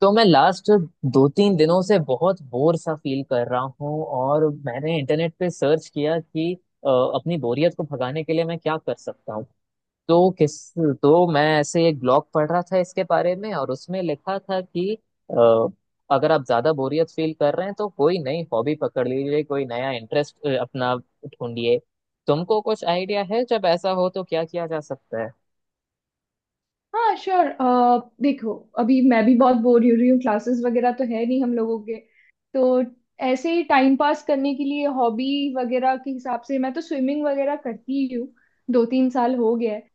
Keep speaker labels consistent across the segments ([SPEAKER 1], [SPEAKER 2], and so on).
[SPEAKER 1] तो मैं लास्ट दो तीन दिनों से बहुत बोर सा फील कर रहा हूँ और मैंने इंटरनेट पे सर्च किया कि अपनी बोरियत को भगाने के लिए मैं क्या कर सकता हूँ। तो किस तो मैं ऐसे एक ब्लॉग पढ़ रहा था इसके बारे में और उसमें लिखा था कि अ, अगर आप ज्यादा बोरियत फील कर रहे हैं तो कोई नई हॉबी पकड़ लीजिए, कोई नया इंटरेस्ट अपना ढूंढिए। तुमको कुछ आइडिया है जब ऐसा हो तो क्या किया जा सकता है?
[SPEAKER 2] हाँ श्योर। देखो, अभी मैं भी बहुत बोर हो रही हूँ, क्लासेस वगैरह तो है नहीं हम लोगों के। तो ऐसे ही टाइम पास करने के लिए हॉबी वगैरह के हिसाब से मैं तो स्विमिंग वगैरह करती ही हूँ। 2 3 साल हो गया है।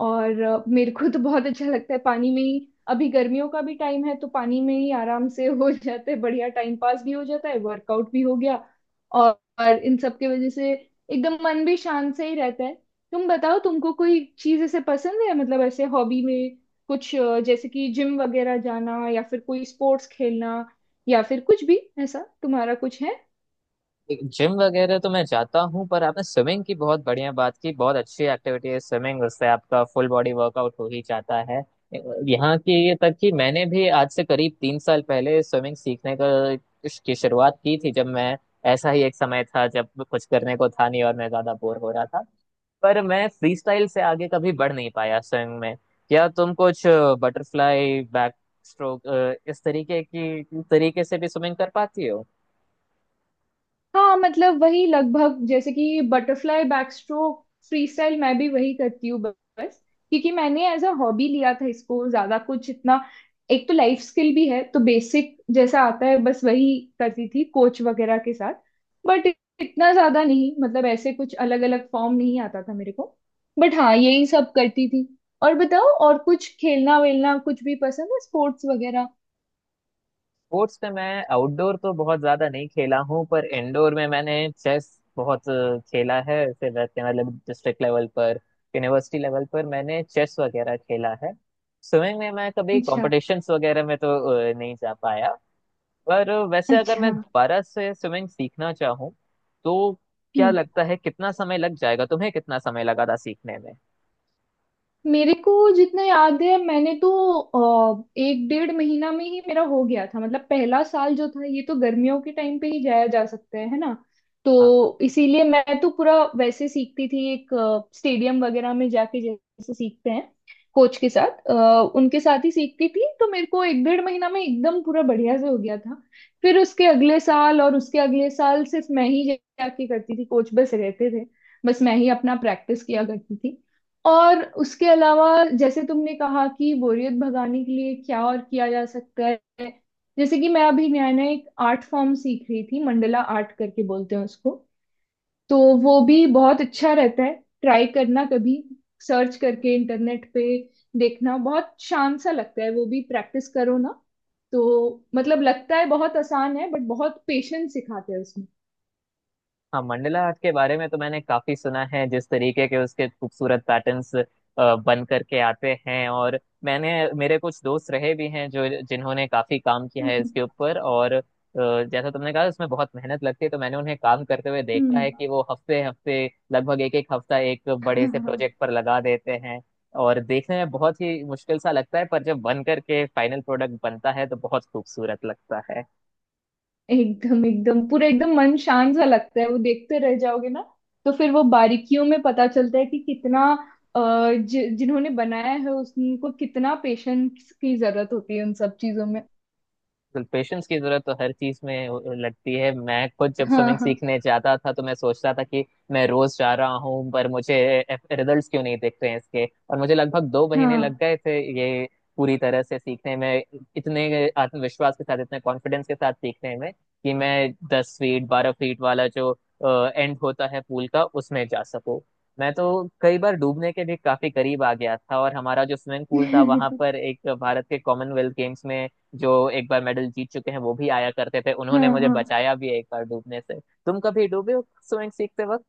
[SPEAKER 2] और मेरे को तो बहुत अच्छा लगता है, पानी में ही अभी गर्मियों का भी टाइम है, तो पानी में ही आराम से हो जाता है, बढ़िया टाइम पास भी हो जाता है, वर्कआउट भी हो गया। और इन सब की वजह से एकदम मन भी शांत से ही रहता है। तुम बताओ, तुमको कोई चीज ऐसे पसंद है, मतलब ऐसे हॉबी में कुछ जैसे कि जिम वगैरह जाना, या फिर कोई स्पोर्ट्स खेलना, या फिर कुछ भी, ऐसा तुम्हारा कुछ है?
[SPEAKER 1] जिम वगैरह तो मैं जाता हूँ पर आपने स्विमिंग की बहुत बढ़िया बात की। बहुत अच्छी एक्टिविटी है स्विमिंग, उससे आपका फुल बॉडी वर्कआउट हो ही जाता है। यहाँ की तक कि मैंने भी आज से करीब 3 साल पहले स्विमिंग सीखने का की शुरुआत की थी, जब मैं ऐसा ही एक समय था जब कुछ करने को था नहीं और मैं ज्यादा बोर हो रहा था। पर मैं फ्री स्टाइल से आगे कभी बढ़ नहीं पाया स्विमिंग में। क्या तुम कुछ बटरफ्लाई, बैक स्ट्रोक, इस तरीके की तरीके से भी स्विमिंग कर पाती हो?
[SPEAKER 2] हाँ मतलब वही लगभग, जैसे कि butterfly backstroke freestyle मैं भी वही करती हूँ बस। क्योंकि मैंने एज अ हॉबी लिया था इसको, ज्यादा कुछ इतना, एक तो लाइफ स्किल भी है, तो बेसिक जैसा आता है बस वही करती थी कोच वगैरह के साथ। बट इतना ज्यादा नहीं, मतलब ऐसे कुछ अलग अलग फॉर्म नहीं आता था मेरे को। बट हाँ, यही सब करती थी। और बताओ, और कुछ खेलना वेलना कुछ भी पसंद है, स्पोर्ट्स वगैरह?
[SPEAKER 1] स्पोर्ट्स में मैं आउटडोर तो बहुत ज्यादा नहीं खेला हूँ पर इंडोर में मैंने चेस बहुत खेला है, ऐसे वैसे मतलब डिस्ट्रिक्ट लेवल पर, यूनिवर्सिटी लेवल पर मैंने चेस वगैरह खेला है। स्विमिंग में मैं कभी
[SPEAKER 2] अच्छा।
[SPEAKER 1] कॉम्पिटिशन्स वगैरह में तो नहीं जा पाया। पर वैसे अगर मैं
[SPEAKER 2] अच्छा।
[SPEAKER 1] दोबारा से स्विमिंग सीखना चाहूँ तो क्या
[SPEAKER 2] हम्म।
[SPEAKER 1] लगता है कितना समय लग जाएगा, तुम्हें कितना समय लगा था सीखने में?
[SPEAKER 2] मेरे को जितना याद है, मैंने तो 1 1.5 महीना में ही मेरा हो गया था। मतलब पहला साल जो था ये तो गर्मियों के टाइम पे ही जाया जा सकता है ना।
[SPEAKER 1] हाँ हाँ।
[SPEAKER 2] तो इसीलिए मैं तो पूरा वैसे सीखती थी, एक स्टेडियम वगैरह में जाके जैसे सीखते हैं कोच के साथ, उनके साथ ही सीखती थी, तो मेरे को 1 1.5 महीना में एकदम पूरा बढ़िया से हो गया था। फिर उसके अगले साल और उसके अगले साल सिर्फ मैं ही जाके करती थी, कोच बस रहते थे, बस मैं ही अपना प्रैक्टिस किया करती थी। और उसके अलावा, जैसे तुमने कहा कि बोरियत भगाने के लिए क्या और किया जा सकता है, जैसे कि मैं अभी नया नया एक आर्ट फॉर्म सीख रही थी, मंडला आर्ट करके बोलते हैं उसको। तो वो भी बहुत अच्छा रहता है, ट्राई करना कभी, सर्च करके इंटरनेट पे देखना, बहुत शान सा लगता है, वो भी प्रैक्टिस करो ना। तो मतलब लगता है बहुत आसान है, बट बहुत पेशेंस सिखाते हैं उसमें।
[SPEAKER 1] हाँ, मंडला आर्ट के बारे में तो मैंने काफी सुना है, जिस तरीके के उसके खूबसूरत पैटर्न्स बन करके आते हैं। और मैंने मेरे कुछ दोस्त रहे भी हैं जो जिन्होंने काफी काम किया है
[SPEAKER 2] हम्म।
[SPEAKER 1] इसके ऊपर, और जैसा तुमने कहा उसमें बहुत मेहनत लगती है। तो मैंने उन्हें काम करते हुए देखा है कि वो हफ्ते हफ्ते, लगभग एक एक हफ्ता एक बड़े से
[SPEAKER 2] हम्म।
[SPEAKER 1] प्रोजेक्ट पर लगा देते हैं। और देखने में बहुत ही मुश्किल सा लगता है पर जब बन करके फाइनल प्रोडक्ट बनता है तो बहुत खूबसूरत लगता है।
[SPEAKER 2] एकदम एकदम पूरा, एकदम मन शांत सा लगता है, वो देखते रह जाओगे ना। तो फिर वो बारीकियों में पता चलता है कि कितना अ, जिन्होंने बनाया है उसको कितना पेशेंस की जरूरत होती है उन सब चीजों में।
[SPEAKER 1] पेशेंस की जरूरत तो हर चीज में लगती है। मैं खुद जब
[SPEAKER 2] हाँ,
[SPEAKER 1] स्विमिंग
[SPEAKER 2] हाँ,
[SPEAKER 1] सीखने जाता था तो मैं सोचता था कि मैं रोज जा रहा हूँ पर मुझे रिजल्ट्स क्यों नहीं दिख रहे हैं इसके, और मुझे लगभग 2 महीने लग
[SPEAKER 2] हाँ।
[SPEAKER 1] गए थे ये पूरी तरह से सीखने में, इतने आत्मविश्वास के साथ इतने कॉन्फिडेंस के साथ सीखने में कि मैं 10 फीट 12 फीट वाला जो एंड होता है पूल का, उसमें जा सकूं। मैं तो कई बार डूबने के भी काफी करीब आ गया था, और हमारा जो स्विमिंग पूल था वहां पर एक भारत के कॉमनवेल्थ गेम्स में जो एक बार मेडल जीत चुके हैं वो भी आया करते थे। उन्होंने
[SPEAKER 2] हाँ,
[SPEAKER 1] मुझे
[SPEAKER 2] हाँ।
[SPEAKER 1] बचाया भी है एक बार डूबने से। तुम कभी डूबे हो स्विमिंग सीखते वक्त?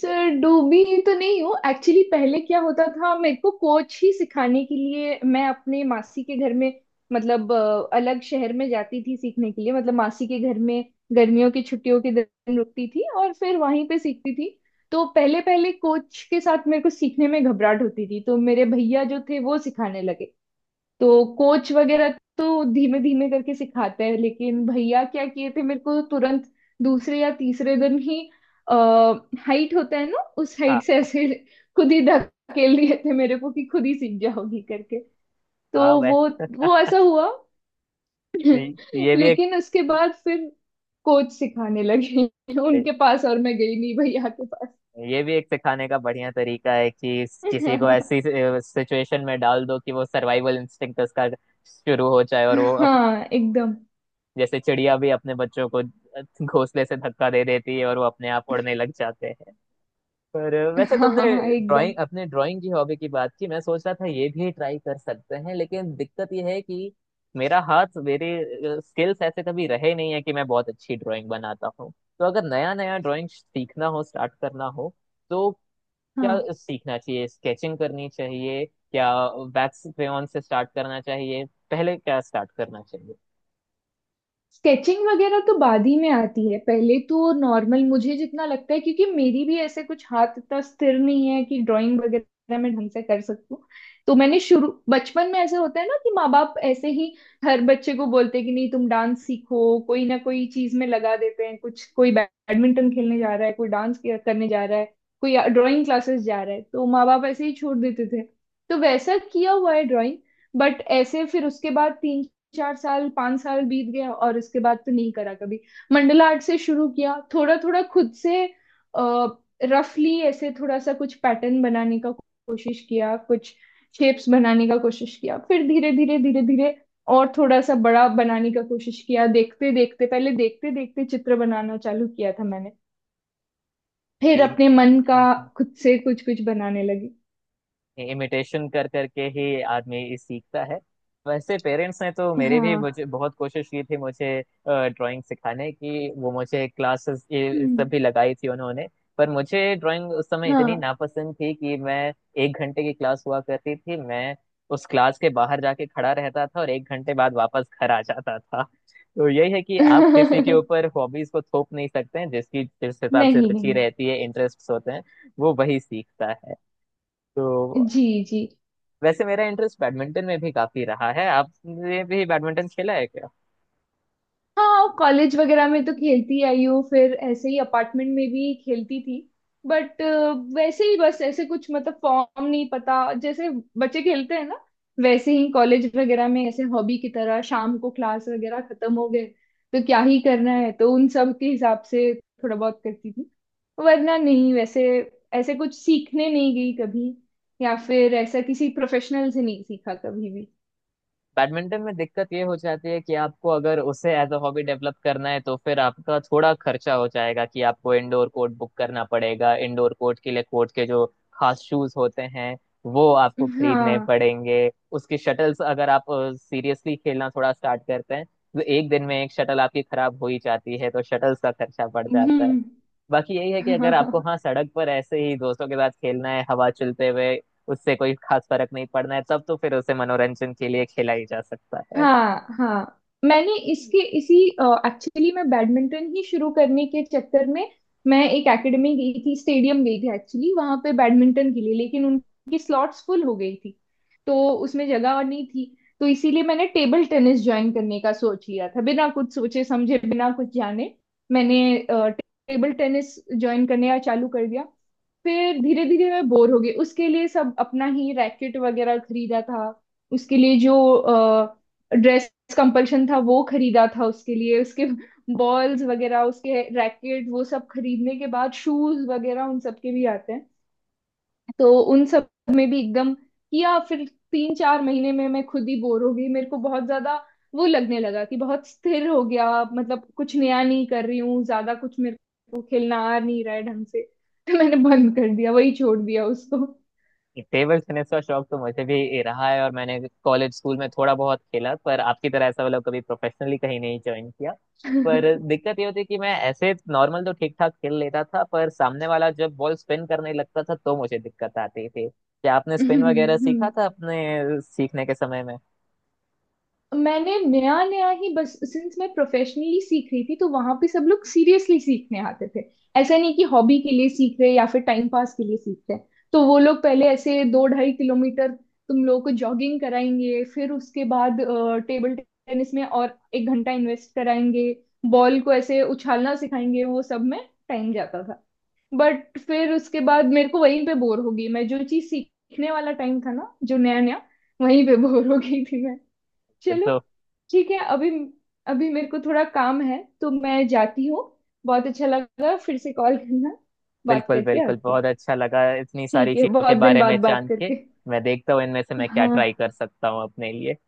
[SPEAKER 2] सर डूबी तो नहीं हूँ एक्चुअली। पहले क्या होता था मेरे को, कोच ही सिखाने के लिए मैं अपने मासी के घर में, मतलब अलग शहर में जाती थी सीखने के लिए, मतलब मासी के घर में गर्मियों की छुट्टियों के दिन रुकती थी और फिर वहीं पे सीखती थी। तो पहले पहले कोच के साथ मेरे को सीखने में घबराहट होती थी, तो मेरे भैया जो थे वो सिखाने लगे। तो कोच वगैरह तो धीमे धीमे करके सिखाते हैं, लेकिन भैया क्या किए थे, मेरे को तुरंत दूसरे या तीसरे दिन ही, हाइट होता है ना, उस
[SPEAKER 1] हाँ
[SPEAKER 2] हाइट से ऐसे खुद ही धकेल दिए थे मेरे को कि खुद ही सीख जाओगी करके। तो
[SPEAKER 1] हाँ।
[SPEAKER 2] वो
[SPEAKER 1] वैसे
[SPEAKER 2] वो ऐसा हुआ।
[SPEAKER 1] ये भी एक
[SPEAKER 2] लेकिन उसके बाद फिर कोच सिखाने लगे, उनके पास, और मैं गई नहीं भैया के पास।
[SPEAKER 1] ये भी एक सिखाने का बढ़िया तरीका है कि किसी को ऐसी सिचुएशन में डाल दो कि वो सर्वाइवल इंस्टिंक्ट उसका शुरू हो जाए, और वो
[SPEAKER 2] हाँ एकदम।
[SPEAKER 1] जैसे चिड़िया भी अपने बच्चों को घोंसले से धक्का दे देती है और वो अपने आप उड़ने लग जाते हैं। पर वैसे
[SPEAKER 2] हाँ, हाँ,
[SPEAKER 1] तुमने
[SPEAKER 2] हाँ, एकदम।
[SPEAKER 1] ड्राइंग अपने ड्राइंग की हॉबी की बात की, मैं सोच रहा था ये भी ट्राई कर सकते हैं। लेकिन दिक्कत ये है कि मेरा हाथ मेरे स्किल्स ऐसे कभी रहे नहीं है कि मैं बहुत अच्छी ड्राइंग बनाता हूँ। तो अगर नया नया ड्राइंग सीखना हो, स्टार्ट करना हो तो क्या
[SPEAKER 2] हाँ
[SPEAKER 1] सीखना चाहिए? स्केचिंग करनी चाहिए क्या? वैक्स क्रेयॉन से स्टार्ट करना चाहिए? पहले क्या स्टार्ट करना
[SPEAKER 2] स्केचिंग वगैरह तो बाद ही में आती है, पहले तो नॉर्मल मुझे जितना लगता है, क्योंकि मेरी भी ऐसे कुछ हाथ इतना स्थिर नहीं है कि ड्राइंग वगैरह मैं ढंग से कर सकूं। तो मैंने शुरू, बचपन में ऐसा होता है ना कि माँ बाप ऐसे ही हर बच्चे को बोलते हैं कि नहीं तुम डांस सीखो, कोई ना कोई चीज में लगा देते हैं कुछ, कोई बैडमिंटन खेलने जा रहा है, कोई डांस करने जा रहा है, कोई ड्राइंग क्लासेस जा रहा है, तो माँ बाप ऐसे ही छोड़ देते थे, तो वैसा किया हुआ है ड्राइंग। बट ऐसे फिर उसके बाद 3 4 साल 5 साल बीत गया और उसके बाद तो नहीं करा कभी। मंडला आर्ट से शुरू किया थोड़ा थोड़ा खुद से, रफली ऐसे थोड़ा सा कुछ पैटर्न बनाने का कोशिश किया, कुछ शेप्स बनाने का कोशिश किया, फिर धीरे धीरे धीरे धीरे और थोड़ा सा बड़ा बनाने का कोशिश किया, देखते देखते, पहले देखते देखते चित्र बनाना चालू किया था मैंने, फिर अपने मन का
[SPEAKER 1] चाहिए?
[SPEAKER 2] खुद से कुछ कुछ बनाने लगी।
[SPEAKER 1] इमिटेशन कर करके ही आदमी सीखता है। वैसे पेरेंट्स ने तो मेरे भी
[SPEAKER 2] हाँ।
[SPEAKER 1] मुझे बहुत कोशिश की थी मुझे ड्राइंग सिखाने की, वो मुझे क्लासेस ये सब
[SPEAKER 2] हम्म।
[SPEAKER 1] भी लगाई थी उन्होंने। पर मुझे ड्राइंग उस समय इतनी
[SPEAKER 2] हाँ।
[SPEAKER 1] नापसंद थी कि मैं, 1 घंटे की क्लास हुआ करती थी, मैं उस क्लास के बाहर जाके खड़ा रहता था और 1 घंटे बाद वापस घर आ जाता था। तो यही है कि आप किसी के
[SPEAKER 2] नहीं।
[SPEAKER 1] ऊपर हॉबीज को थोप नहीं सकते हैं, जिस हिसाब से रुचि
[SPEAKER 2] नहीं।
[SPEAKER 1] रहती है इंटरेस्ट होते हैं वो वही सीखता है। तो
[SPEAKER 2] जी। जी।
[SPEAKER 1] वैसे मेरा इंटरेस्ट बैडमिंटन में भी काफी रहा है, आपने भी बैडमिंटन खेला है क्या?
[SPEAKER 2] हाँ कॉलेज वगैरह में तो खेलती आई हूँ, फिर ऐसे ही अपार्टमेंट में भी खेलती थी। बट वैसे ही बस, ऐसे कुछ मतलब फॉर्म नहीं पता, जैसे बच्चे खेलते हैं ना, वैसे ही कॉलेज वगैरह में ऐसे हॉबी की तरह, शाम को क्लास वगैरह खत्म हो गए, तो क्या ही करना है, तो उन सब के हिसाब से थोड़ा बहुत करती थी। वरना नहीं, वैसे ऐसे कुछ सीखने नहीं गई कभी, या फिर ऐसा किसी प्रोफेशनल से नहीं सीखा कभी भी।
[SPEAKER 1] बैडमिंटन में दिक्कत ये हो जाती है कि आपको अगर उसे एज अ हॉबी डेवलप करना है तो फिर आपका थोड़ा खर्चा हो जाएगा कि आपको इंडोर कोर्ट बुक करना पड़ेगा, इंडोर कोर्ट के लिए कोर्ट के जो खास शूज होते हैं वो आपको खरीदने
[SPEAKER 2] हाँ।
[SPEAKER 1] पड़ेंगे। उसकी शटल्स, अगर आप सीरियसली खेलना थोड़ा स्टार्ट करते हैं तो एक दिन में एक शटल आपकी खराब हो ही जाती है, तो शटल्स का खर्चा बढ़ जाता है।
[SPEAKER 2] हम्म।
[SPEAKER 1] बाकी यही है कि अगर आपको, हाँ, सड़क पर ऐसे ही दोस्तों के साथ खेलना है हवा चलते हुए, उससे कोई खास फर्क नहीं पड़ना है, तब तो फिर उसे मनोरंजन के लिए खेला ही जा सकता है।
[SPEAKER 2] हाँ, हाँ। मैंने इसके इसी, एक्चुअली मैं बैडमिंटन ही शुरू करने के चक्कर में, मैं एक एकेडमी गई थी, स्टेडियम गई थी एक्चुअली, वहां पे बैडमिंटन के लिए, लेकिन उनकी स्लॉट्स फुल हो गई थी। तो उसमें जगह और नहीं थी, तो इसीलिए मैंने टेबल टेनिस ज्वाइन करने का सोच लिया था, बिना कुछ सोचे समझे, बिना कुछ जाने। मैंने टेबल टेनिस ज्वाइन करने का चालू कर दिया। फिर धीरे धीरे मैं बोर हो गई उसके लिए, सब अपना ही रैकेट वगैरह खरीदा था उसके लिए, जो ड्रेस कंपल्शन था वो खरीदा था उसके लिए, उसके बॉल्स वगैरह, उसके रैकेट वो सब खरीदने के बाद शूज वगैरह, उन सब के भी आते हैं, तो उन सब में भी एकदम किया। फिर 3 4 महीने में मैं खुद ही बोर हो गई, मेरे को बहुत ज्यादा वो लगने लगा कि बहुत स्थिर हो गया, मतलब कुछ नया नहीं कर रही हूँ ज्यादा कुछ, मेरे को खेलना आ नहीं रहा है ढंग से, तो मैंने बंद कर दिया, वही छोड़ दिया उसको।
[SPEAKER 1] टेबल टेनिस का शौक तो मुझे भी रहा है, और मैंने कॉलेज स्कूल में थोड़ा बहुत खेला, पर आपकी तरह ऐसा वाला कभी प्रोफेशनली कहीं नहीं ज्वाइन किया। पर दिक्कत ये होती कि मैं ऐसे नॉर्मल तो ठीक ठाक खेल लेता था पर सामने वाला जब बॉल स्पिन करने लगता था तो मुझे दिक्कत आती थी। क्या आपने स्पिन वगैरह सीखा था अपने सीखने के समय
[SPEAKER 2] मैंने नया नया ही बस, सिंस मैं प्रोफेशनली सीख रही थी तो वहां पे सब लोग सीरियसली सीखने आते थे, ऐसा नहीं कि हॉबी के लिए सीख रहे या फिर टाइम पास के लिए सीख रहे। तो वो लोग पहले ऐसे 2 2.5 किलोमीटर तुम लोगों को जॉगिंग कराएंगे, फिर उसके बाद टेबल टेनिस में और 1 घंटा इन्वेस्ट कराएंगे, बॉल को ऐसे उछालना सिखाएंगे, वो सब में टाइम जाता था। बट फिर उसके बाद मेरे को वहीं पे बोर हो गई मैं, जो चीज सीखने वाला टाइम था ना जो नया नया, वहीं पे बोर हो गई थी मैं। चलो
[SPEAKER 1] में?
[SPEAKER 2] ठीक है, अभी अभी मेरे को थोड़ा काम है तो मैं जाती हूँ। बहुत अच्छा लगा, फिर से कॉल करना, बात
[SPEAKER 1] बिल्कुल
[SPEAKER 2] करते हैं
[SPEAKER 1] बिल्कुल,
[SPEAKER 2] आके।
[SPEAKER 1] बहुत अच्छा लगा इतनी सारी
[SPEAKER 2] ठीक है,
[SPEAKER 1] चीजों के
[SPEAKER 2] बहुत दिन
[SPEAKER 1] बारे
[SPEAKER 2] बाद
[SPEAKER 1] में
[SPEAKER 2] बात
[SPEAKER 1] जान के।
[SPEAKER 2] करके।
[SPEAKER 1] मैं देखता हूँ इनमें से मैं क्या ट्राई
[SPEAKER 2] हाँ।
[SPEAKER 1] कर सकता हूँ अपने लिए।